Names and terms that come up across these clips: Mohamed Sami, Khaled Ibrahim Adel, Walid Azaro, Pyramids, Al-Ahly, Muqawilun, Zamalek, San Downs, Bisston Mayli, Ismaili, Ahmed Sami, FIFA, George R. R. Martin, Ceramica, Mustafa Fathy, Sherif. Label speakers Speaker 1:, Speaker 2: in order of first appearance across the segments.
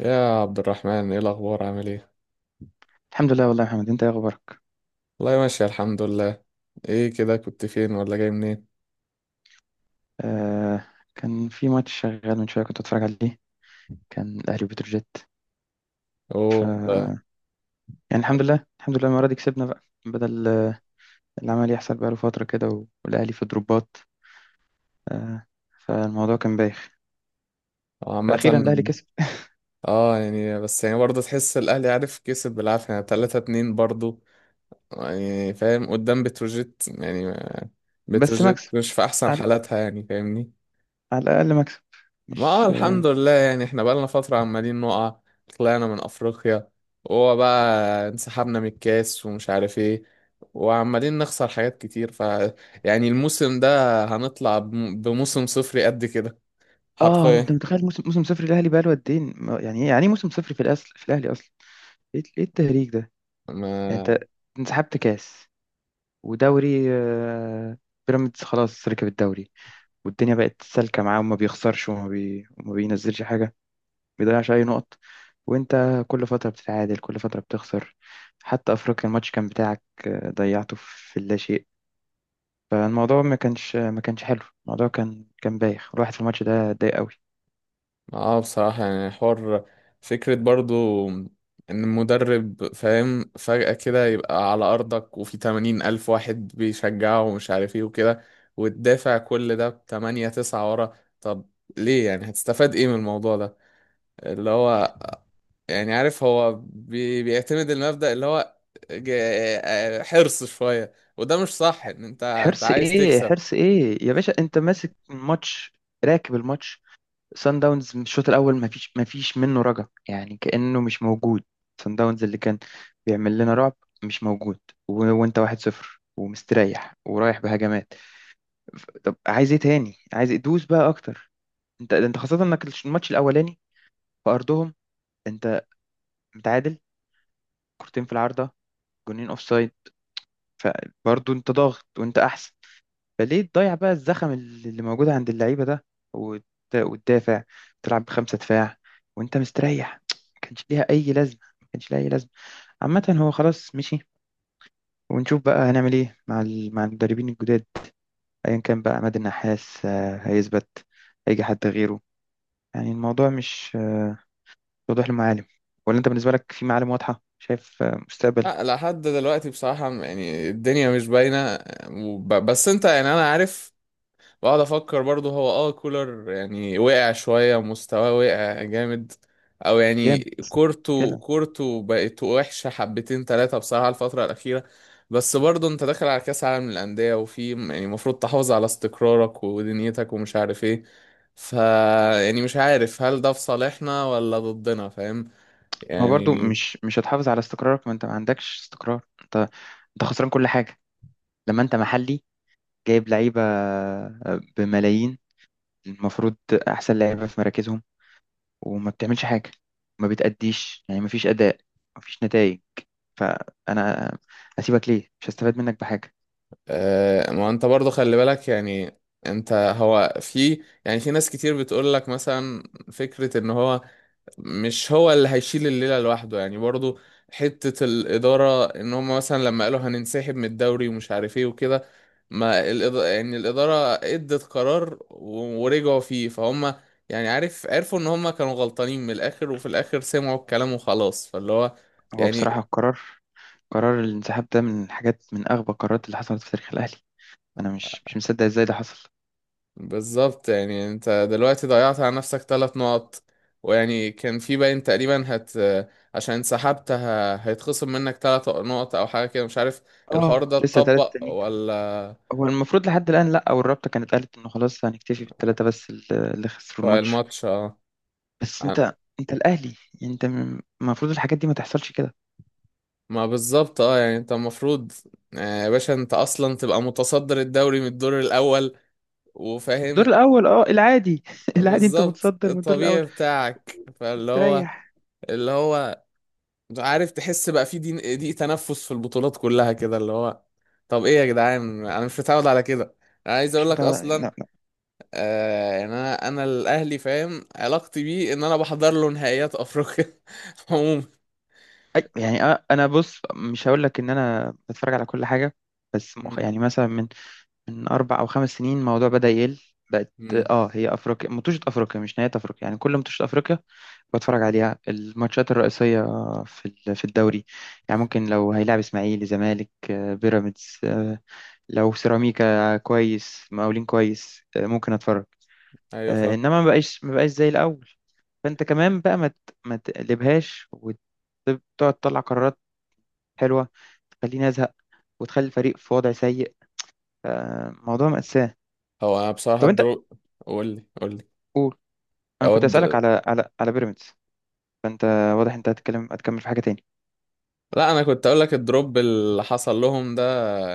Speaker 1: يا عبد الرحمن، ايه الاخبار؟ عامل ايه؟
Speaker 2: الحمد لله والله يا محمد، انت ايه اخبارك؟
Speaker 1: والله ماشي، الحمد لله. ايه كده، كنت فين ولا جاي منين؟
Speaker 2: آه كان في ماتش شغال من شويه كنت اتفرج عليه. كان الاهلي وبتروجيت. ف
Speaker 1: اوه ده.
Speaker 2: يعني الحمد لله، المره دي كسبنا بقى بدل العمل يحصل. بقاله فتره كده والاهلي في دروبات، آه فالموضوع كان بايخ.
Speaker 1: عامة.
Speaker 2: فاخيرا الاهلي كسب.
Speaker 1: اه، يعني بس يعني برضه تحس الاهلي عارف كسب بالعافية، يعني 3-2 برضه، يعني فاهم قدام بتروجيت يعني.
Speaker 2: بس
Speaker 1: بتروجيت
Speaker 2: مكسب،
Speaker 1: مش في احسن
Speaker 2: على,
Speaker 1: حالاتها، يعني فاهمني.
Speaker 2: على الاقل مكسب.
Speaker 1: ما آه،
Speaker 2: مش
Speaker 1: الحمد لله. يعني احنا بقالنا فترة عمالين نقع، طلعنا من أفريقيا، وهو بقى انسحبنا من الكاس ومش عارف ايه، وعمالين نخسر حاجات كتير. ف يعني الموسم ده هنطلع بموسم صفري قد كده،
Speaker 2: انت
Speaker 1: حرفيا.
Speaker 2: متخيل موسم صفر الاهلي بقاله قد ايه؟ يعني ايه، يعني ايه موسم صفر في الاصل في الاهلي اصلا؟ ايه التهريج ده؟ يعني
Speaker 1: ما
Speaker 2: انت انسحبت كاس ودوري، بيراميدز خلاص ركب الدوري والدنيا بقت سالكة معاه وما بيخسرش وما بينزلش حاجة، ما بيضيعش أي نقط. وأنت كل فترة بتتعادل، كل فترة بتخسر. حتى أفريقيا الماتش كان بتاعك، ضيعته في لا شيء. فالموضوع ما كانش حلو، الموضوع كان بايخ. الواحد في الماتش ده اتضايق قوي.
Speaker 1: اه، بصراحة يعني حوار، فكرة برضو ان المدرب فاهم فجأة كده يبقى على ارضك وفي 80 ألف واحد بيشجعه ومش عارف ايه وكده، وتدافع كل ده بتمانية تسعة ورا. طب ليه، يعني هتستفاد ايه من الموضوع ده اللي هو، يعني عارف هو بيعتمد المبدأ اللي هو حرص شوية، وده مش صح ان انت
Speaker 2: حرص
Speaker 1: عايز
Speaker 2: ايه،
Speaker 1: تكسب.
Speaker 2: حرص ايه يا باشا؟ انت ماسك الماتش، راكب الماتش. سان داونز من الشوط الاول ما فيش منه رجع، يعني كانه مش موجود. سان داونز اللي كان بيعمل لنا رعب مش موجود. وانت واحد صفر ومستريح ورايح بهجمات. طب عايز ايه تاني؟ عايز دوس بقى اكتر. انت خاصه انك الماتش الاولاني في ارضهم، انت متعادل، كورتين في العارضه، جونين اوف سايد. فبرضه انت ضاغط وانت احسن. فليه تضيع بقى الزخم اللي موجود عند اللعيبة ده وت- وتدافع، تلعب بخمسة دفاع وانت مستريح؟ ما كانش ليها أي لازمة، ما كانش ليها أي لازمة. عامة هو خلاص مشي، ونشوف بقى هنعمل ايه مع مع المدربين الجداد. ايا كان بقى، عماد النحاس هيثبت، هيجي حد غيره. يعني الموضوع مش وضوح المعالم. ولا انت بالنسبة لك في معالم واضحة، شايف مستقبل
Speaker 1: لا، لحد دلوقتي بصراحة يعني الدنيا مش باينة. بس انت يعني انا عارف، واقعد افكر برضه هو اه كولر يعني وقع شويه مستواه، وقع جامد. او يعني
Speaker 2: جامد
Speaker 1: كورته
Speaker 2: كده؟
Speaker 1: كورته بقت وحشه حبتين ثلاثه بصراحه الفتره الاخيره. بس برضه انت داخل على كاس عالم للانديه، وفي يعني المفروض تحافظ على استقرارك ودنيتك ومش عارف ايه. ف يعني مش عارف هل ده في صالحنا ولا ضدنا، فاهم
Speaker 2: ما هو برضو
Speaker 1: يعني.
Speaker 2: مش هتحافظ على استقرارك. ما انت ما عندكش استقرار، انت خسران كل حاجة. لما انت محلي جايب لعيبة، بملايين، المفروض أحسن لعيبة في مراكزهم، وما بتعملش حاجة، ما بتأديش، يعني ما فيش أداء، ما فيش نتائج. فأنا أسيبك ليه؟ مش هستفاد منك بحاجة.
Speaker 1: آه، ما انت برضه خلي بالك يعني، هو في يعني في ناس كتير بتقول لك مثلا، فكره ان هو مش هو اللي هيشيل الليلة لوحده يعني برضو. حتة الإدارة إن هم مثلا لما قالوا هننسحب من الدوري ومش عارف إيه وكده. ما الإدارة يعني الإدارة إدت قرار ورجعوا فيه فهم، يعني عارف عرفوا إن هم كانوا غلطانين من الآخر وفي الآخر سمعوا الكلام وخلاص، فاللي هو
Speaker 2: هو
Speaker 1: يعني.
Speaker 2: بصراحة القرار، قرار الانسحاب ده، من الحاجات، من أغبى القرارات اللي حصلت في تاريخ الأهلي. أنا مش مصدق إزاي ده حصل.
Speaker 1: بالظبط، يعني انت دلوقتي ضيعت على نفسك 3 نقط. ويعني كان في باين تقريبا عشان سحبت، هيتخصم منك 3 نقط او حاجه كده مش عارف. الحوار
Speaker 2: آه
Speaker 1: ده
Speaker 2: لسه ثلاثة
Speaker 1: اتطبق
Speaker 2: تانيين.
Speaker 1: ولا؟
Speaker 2: هو المفروض لحد الآن لأ، أو الرابطة كانت قالت إنه خلاص هنكتفي بالثلاثة بس اللي خسروا
Speaker 1: بتوع
Speaker 2: الماتش.
Speaker 1: الماتش اه.
Speaker 2: بس أنت الأهلي، يعني أنت المفروض الحاجات دي ما تحصلش كده.
Speaker 1: ما بالظبط اه، يعني انت المفروض آه، يا باشا انت اصلا تبقى متصدر الدوري من الدور الاول،
Speaker 2: الدور
Speaker 1: وفاهم.
Speaker 2: الاول اه العادي العادي انت
Speaker 1: بالظبط
Speaker 2: متصدر من الدور الاول،
Speaker 1: الطبيعي بتاعك، فاللي هو،
Speaker 2: مستريح.
Speaker 1: اللي هو عارف تحس بقى في دي تنفس في البطولات كلها كده. اللي هو طب ايه يا جدعان، انا مش متعود على كده. انا عايز اقول
Speaker 2: مش
Speaker 1: لك
Speaker 2: متعود،
Speaker 1: اصلا
Speaker 2: لا لا.
Speaker 1: آه يعني انا الاهلي، فاهم علاقتي بيه ان انا بحضر له نهائيات افريقيا عموما.
Speaker 2: يعني انا بص مش هقول لك ان انا بتفرج على كل حاجه، بس
Speaker 1: امم
Speaker 2: يعني مثلا من اربع او خمس سنين الموضوع بدا يقل، بقت
Speaker 1: امم،
Speaker 2: اه. هي افريقيا مطوشه، افريقيا مش نهايه افريقيا، يعني كل مطوشه افريقيا بتفرج عليها الماتشات الرئيسيه في في الدوري. يعني ممكن لو هيلعب اسماعيلي زمالك، بيراميدز، لو سيراميكا كويس، مقاولين كويس، ممكن اتفرج.
Speaker 1: ايوه فاهم.
Speaker 2: انما ما بقاش زي الاول. فانت كمان بقى ما تقلبهاش وتقعد تطلع قرارات حلوه، تخليني ازهق، وتخلي الفريق في وضع سيء. موضوع مأساة.
Speaker 1: هو انا بصراحه
Speaker 2: طب انت
Speaker 1: قول لي، قول
Speaker 2: قول. انا كنت اسالك
Speaker 1: لي.
Speaker 2: على بيراميدز. فانت واضح انت هتتكلم، هتكمل في حاجه تاني.
Speaker 1: لا انا كنت اقول لك الدروب اللي حصل لهم ده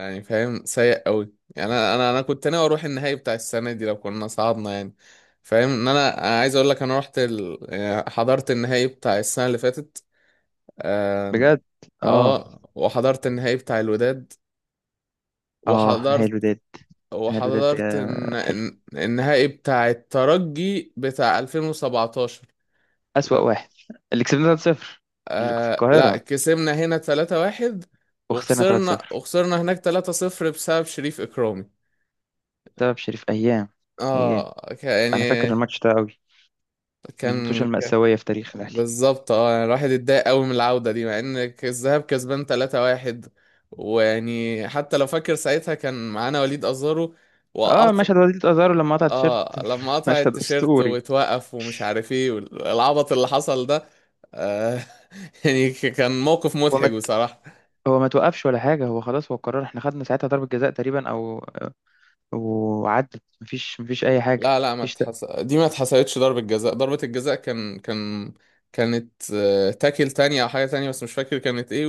Speaker 1: يعني فاهم سيء قوي. يعني انا كنت ناوي اروح النهائي بتاع السنه دي لو كنا صعدنا يعني، فاهم ان انا، أنا عايز اقول لك انا رحت، يعني حضرت النهائي بتاع السنه اللي فاتت. آم،
Speaker 2: بجد. اه
Speaker 1: اه وحضرت النهائي بتاع الوداد.
Speaker 2: اه نهائي
Speaker 1: وحضرت
Speaker 2: الوداد. نهائي الوداد ده
Speaker 1: وحضرت
Speaker 2: حلو،
Speaker 1: النهائي بتاع الترجي بتاع 2017.
Speaker 2: أسوأ واحد، اللي كسبنا 3-0 اللي في
Speaker 1: آه لا،
Speaker 2: القاهرة،
Speaker 1: كسبنا هنا 3-1،
Speaker 2: وخسرنا 3-0
Speaker 1: وخسرنا هناك 3-0 بسبب شريف إكرامي.
Speaker 2: بسبب شريف أيام. أيام.
Speaker 1: اه
Speaker 2: أنا فاكر
Speaker 1: يعني
Speaker 2: الماتش ده قوي، من الماتشات
Speaker 1: كان
Speaker 2: المأساوية في تاريخ الأهلي.
Speaker 1: بالظبط اه يعني الواحد اتضايق قوي من العودة دي مع ان الذهاب كسبان 3-1. ويعني حتى لو فاكر ساعتها كان معانا وليد أزارو،
Speaker 2: اه
Speaker 1: وقطع.
Speaker 2: مشهد وليد ازارو لما قطع التيشيرت
Speaker 1: اه لما قطع
Speaker 2: مشهد
Speaker 1: التيشيرت
Speaker 2: اسطوري.
Speaker 1: واتوقف ومش عارف ايه والعبط اللي حصل ده. آه يعني كان موقف
Speaker 2: هو ما
Speaker 1: مضحك
Speaker 2: ت-
Speaker 1: بصراحة.
Speaker 2: هو ما توقفش ولا حاجه. هو خلاص هو قرر، احنا خدنا ساعتها ضربه جزاء تقريبا او وعدت، مفيش اي حاجه،
Speaker 1: لا لا، ما اتحس... دي ما اتحسبتش ضربة جزاء. ضربة الجزاء كان كانت آه، تاكل تانية أو حاجة تانية بس مش فاكر كانت إيه،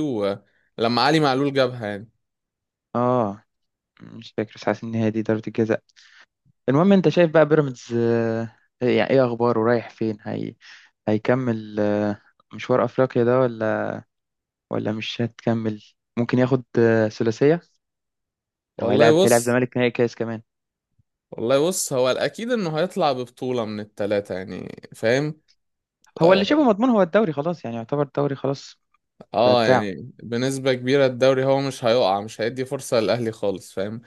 Speaker 1: ولما علي معلول جابها يعني.
Speaker 2: اه مش فاكر، بس حاسس ان هي دي ضربه الجزاء. المهم انت شايف بقى بيراميدز، يعني ايه اخباره، رايح فين هي؟ هيكمل مشوار افريقيا ده ولا مش هتكمل؟ ممكن ياخد ثلاثيه؟ او
Speaker 1: والله
Speaker 2: هيلعب
Speaker 1: بص.
Speaker 2: زمالك نهائي كاس كمان.
Speaker 1: والله بص، هو الأكيد إنه هيطلع ببطولة من التلاتة يعني فاهم.
Speaker 2: هو اللي شبه
Speaker 1: آه،
Speaker 2: مضمون هو الدوري خلاص يعني يعتبر الدوري خلاص بقى
Speaker 1: آه،
Speaker 2: بتاعه
Speaker 1: يعني بنسبة كبيرة الدوري هو مش هيقع، مش هيدي فرصة للأهلي خالص فاهم.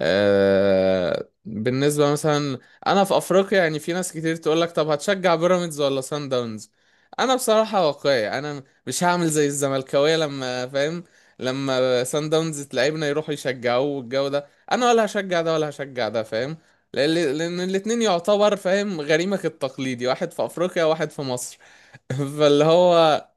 Speaker 1: آه، بالنسبة مثلا أنا في أفريقيا، يعني في ناس كتير تقولك طب هتشجع بيراميدز ولا سان داونز. أنا بصراحة واقعي، أنا مش هعمل زي الزملكاوية لما فاهم، لما سان داونز تلاعبنا يروحوا يشجعوه والجو ده. أنا ولا هشجع ده ولا هشجع ده، فاهم، لأن الاتنين يعتبر فاهم غريمك التقليدي، واحد في أفريقيا وواحد في مصر. فاللي هو،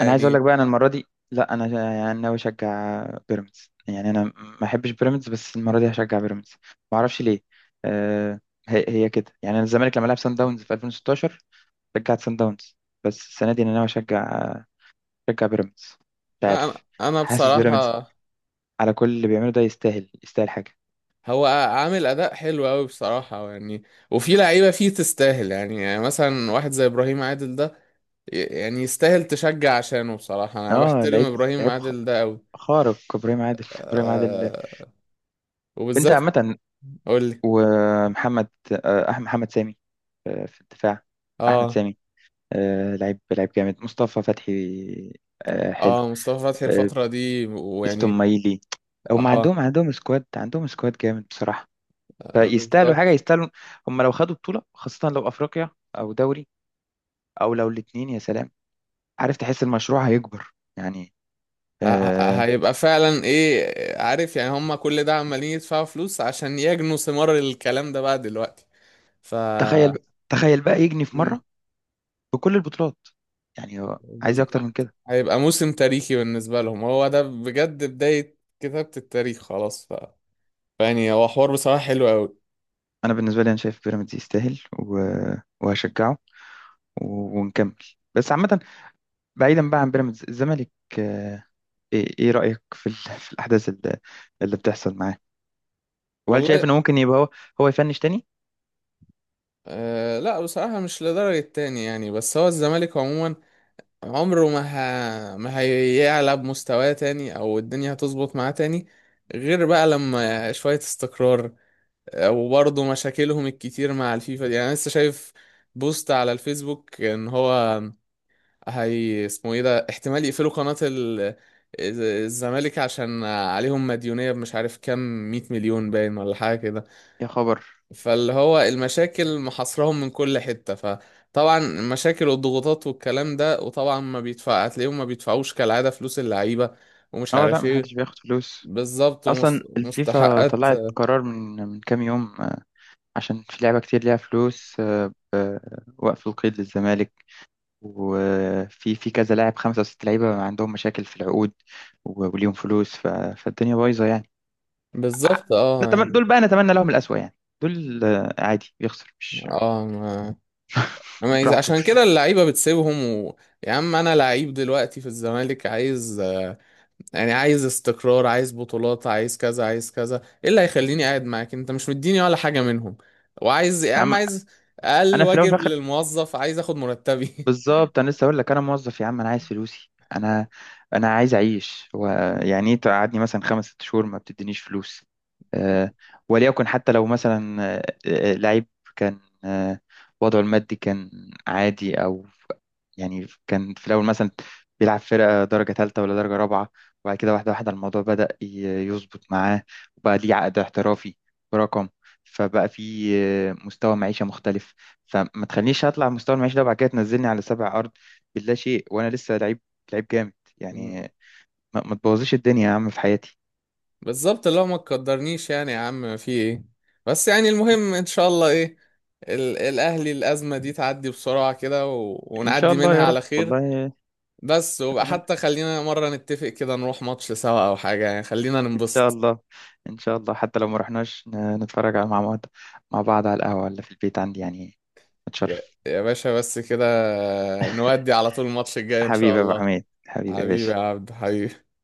Speaker 2: انا عايز اقول لك بقى، انا المره دي، لا انا يعني ناوي اشجع بيراميدز. يعني انا ما احبش بيراميدز، بس المره دي هشجع بيراميدز. ما اعرفش ليه. أه هي كده. يعني انا الزمالك لما لعب سان داونز في 2016 شجعت سان داونز، بس السنه دي انا ناوي اشجع بيراميدز. مش
Speaker 1: أنا
Speaker 2: عارف،
Speaker 1: أنا
Speaker 2: حاسس بيراميدز
Speaker 1: بصراحة،
Speaker 2: على كل اللي بيعمله ده يستاهل، يستاهل حاجه.
Speaker 1: هو عامل اداء حلو قوي بصراحه يعني، وفي لعيبه فيه تستاهل، يعني مثلا واحد زي ابراهيم عادل ده، يعني يستاهل تشجع عشانه. بصراحه انا
Speaker 2: اه
Speaker 1: بحترم
Speaker 2: لعيب،
Speaker 1: ابراهيم
Speaker 2: لعيب خ-
Speaker 1: عادل ده قوي.
Speaker 2: خارق ابراهيم عادل ابراهيم عادل.
Speaker 1: آه
Speaker 2: انت
Speaker 1: وبالذات.
Speaker 2: عامه.
Speaker 1: قول لي.
Speaker 2: ومحمد، محمد سامي، في الدفاع، احمد
Speaker 1: اه
Speaker 2: سامي، لعيب، لعيب جامد. مصطفى فتحي، حلو.
Speaker 1: اه مصطفى فتحي
Speaker 2: آه
Speaker 1: الفتره دي
Speaker 2: بيستون
Speaker 1: ويعني.
Speaker 2: مايلي. هم
Speaker 1: اه
Speaker 2: عندهم سكواد، سكواد جامد بصراحة. فيستاهلوا حاجة،
Speaker 1: بالظبط
Speaker 2: يستاهلوا. هم لو خدوا بطولة، خاصة لو أفريقيا أو دوري، أو لو الاتنين، يا سلام. عارف تحس المشروع هيكبر يعني.
Speaker 1: ه-
Speaker 2: آه
Speaker 1: هيبقى فعلا ايه عارف، يعني هم كل ده عمالين يدفعوا فلوس عشان يجنوا ثمار الكلام ده بقى دلوقتي. ف
Speaker 2: تخيل، تخيل بقى يجني في مرة بكل البطولات. يعني هو عايز إيه أكتر من
Speaker 1: بالظبط
Speaker 2: كده؟
Speaker 1: هيبقى موسم تاريخي بالنسبة لهم، هو ده بجد بداية كتابة التاريخ خلاص بقى. يعني هو حوار بصراحة حلو أوي.
Speaker 2: أنا بالنسبة لي أنا شايف بيراميدز يستاهل، وهشجعه، و... ونكمل. بس عامة، بعيدا بقى عن بيراميدز، الزمالك آه، ايه، إيه رأيك في في الأحداث اللي بتحصل معاه؟ وهل
Speaker 1: والله
Speaker 2: شايف انه ممكن يبقى هو يفنش تاني؟
Speaker 1: آه لا، بصراحة مش لدرجة تاني يعني. بس هو الزمالك عموما عمره ما ما هيعلى بمستواه تاني أو الدنيا هتظبط معاه تاني، غير بقى لما شوية استقرار. آه، وبرضه مشاكلهم الكتير مع الفيفا دي، يعني أنا لسه شايف بوست على الفيسبوك إن هو، هي اسمه ايه ده، احتمال يقفلوا قناة الزمالك عشان عليهم مديونية، مش عارف كام 100 مليون باين ولا حاجة كده.
Speaker 2: يا خبر.
Speaker 1: فاللي هو المشاكل محاصرهم من كل حتة، فطبعا المشاكل والضغوطات والكلام ده وطبعا ما بيدفع، هتلاقيهم ما بيدفعوش كالعادة فلوس اللعيبة، ومش
Speaker 2: اه لا
Speaker 1: عارف ايه.
Speaker 2: محدش بياخد فلوس.
Speaker 1: بالظبط،
Speaker 2: اصلا الفيفا
Speaker 1: ومستحقات.
Speaker 2: طلعت قرار من كام يوم، عشان في لعبة كتير ليها فلوس، آه، وقف القيد للزمالك. وفي كذا لاعب، خمسة أو ست لعيبة عندهم مشاكل في العقود وليهم فلوس، فالدنيا بايظة يعني. ع-
Speaker 1: بالظبط اه
Speaker 2: نتمنى
Speaker 1: يعني.
Speaker 2: دول بقى، نتمنى لهم الأسوأ يعني. دول عادي بيخسر، مش
Speaker 1: اه ما ما يز-
Speaker 2: براحته.
Speaker 1: عشان كده اللعيبة بتسيبهم يا عم، انا لعيب دلوقتي في الزمالك عايز، يعني عايز استقرار، عايز بطولات، عايز كذا عايز كذا، ايه اللي هيخليني قاعد معاك انت مش مديني ولا حاجة منهم؟ وعايز يا عم
Speaker 2: عم...
Speaker 1: عايز، اقل
Speaker 2: أنا في الأول،
Speaker 1: واجب للموظف، عايز اخد مرتبي.
Speaker 2: بالظبط انا لسه اقول لك، انا موظف يا عم، انا عايز فلوسي. انا عايز اعيش. هو يعني ايه تقعدني مثلا خمس ست شهور ما بتدينيش فلوس؟ أه. وليكن حتى لو مثلا لعيب كان وضعه المادي كان عادي، او يعني كان في الاول مثلا بيلعب فرقه درجه ثالثه ولا درجه رابعه، وبعد كده واحده واحده الموضوع بدأ يظبط معاه، وبقى ليه عقد احترافي برقم، فبقى في مستوى معيشه مختلف. فما تخلينيش اطلع مستوى المعيشة ده وبعد كده تنزلني على سبع ارض باللا شيء، وانا لسه لعيب، لعيب جامد يعني. ما تبوظيش الدنيا يا عم في حياتي.
Speaker 1: بالظبط، اللي هو ما تقدرنيش يعني، يا عم في ايه. بس يعني المهم ان شاء الله ايه، الاهلي الازمة دي تعدي بسرعة كده
Speaker 2: ان شاء
Speaker 1: ونعدي
Speaker 2: الله
Speaker 1: منها
Speaker 2: يا رب
Speaker 1: على خير.
Speaker 2: والله.
Speaker 1: بس وبقى،
Speaker 2: اتمنى،
Speaker 1: حتى خلينا مرة نتفق كده نروح ماتش سوا او حاجة، يعني خلينا
Speaker 2: ان شاء
Speaker 1: ننبسط.
Speaker 2: الله، ان شاء الله. حتى لو ما رحناش نتفرج على مع بعض، مع بعض على القهوة ولا في البيت عندي يعني.
Speaker 1: يا
Speaker 2: اتشرف.
Speaker 1: يا باشا بس كده، نودي على طول الماتش الجاي ان شاء
Speaker 2: حبيبي يا ابو
Speaker 1: الله.
Speaker 2: حميد، حبيبي يا
Speaker 1: حبيبي
Speaker 2: باشا.
Speaker 1: يا عبد حبيبي.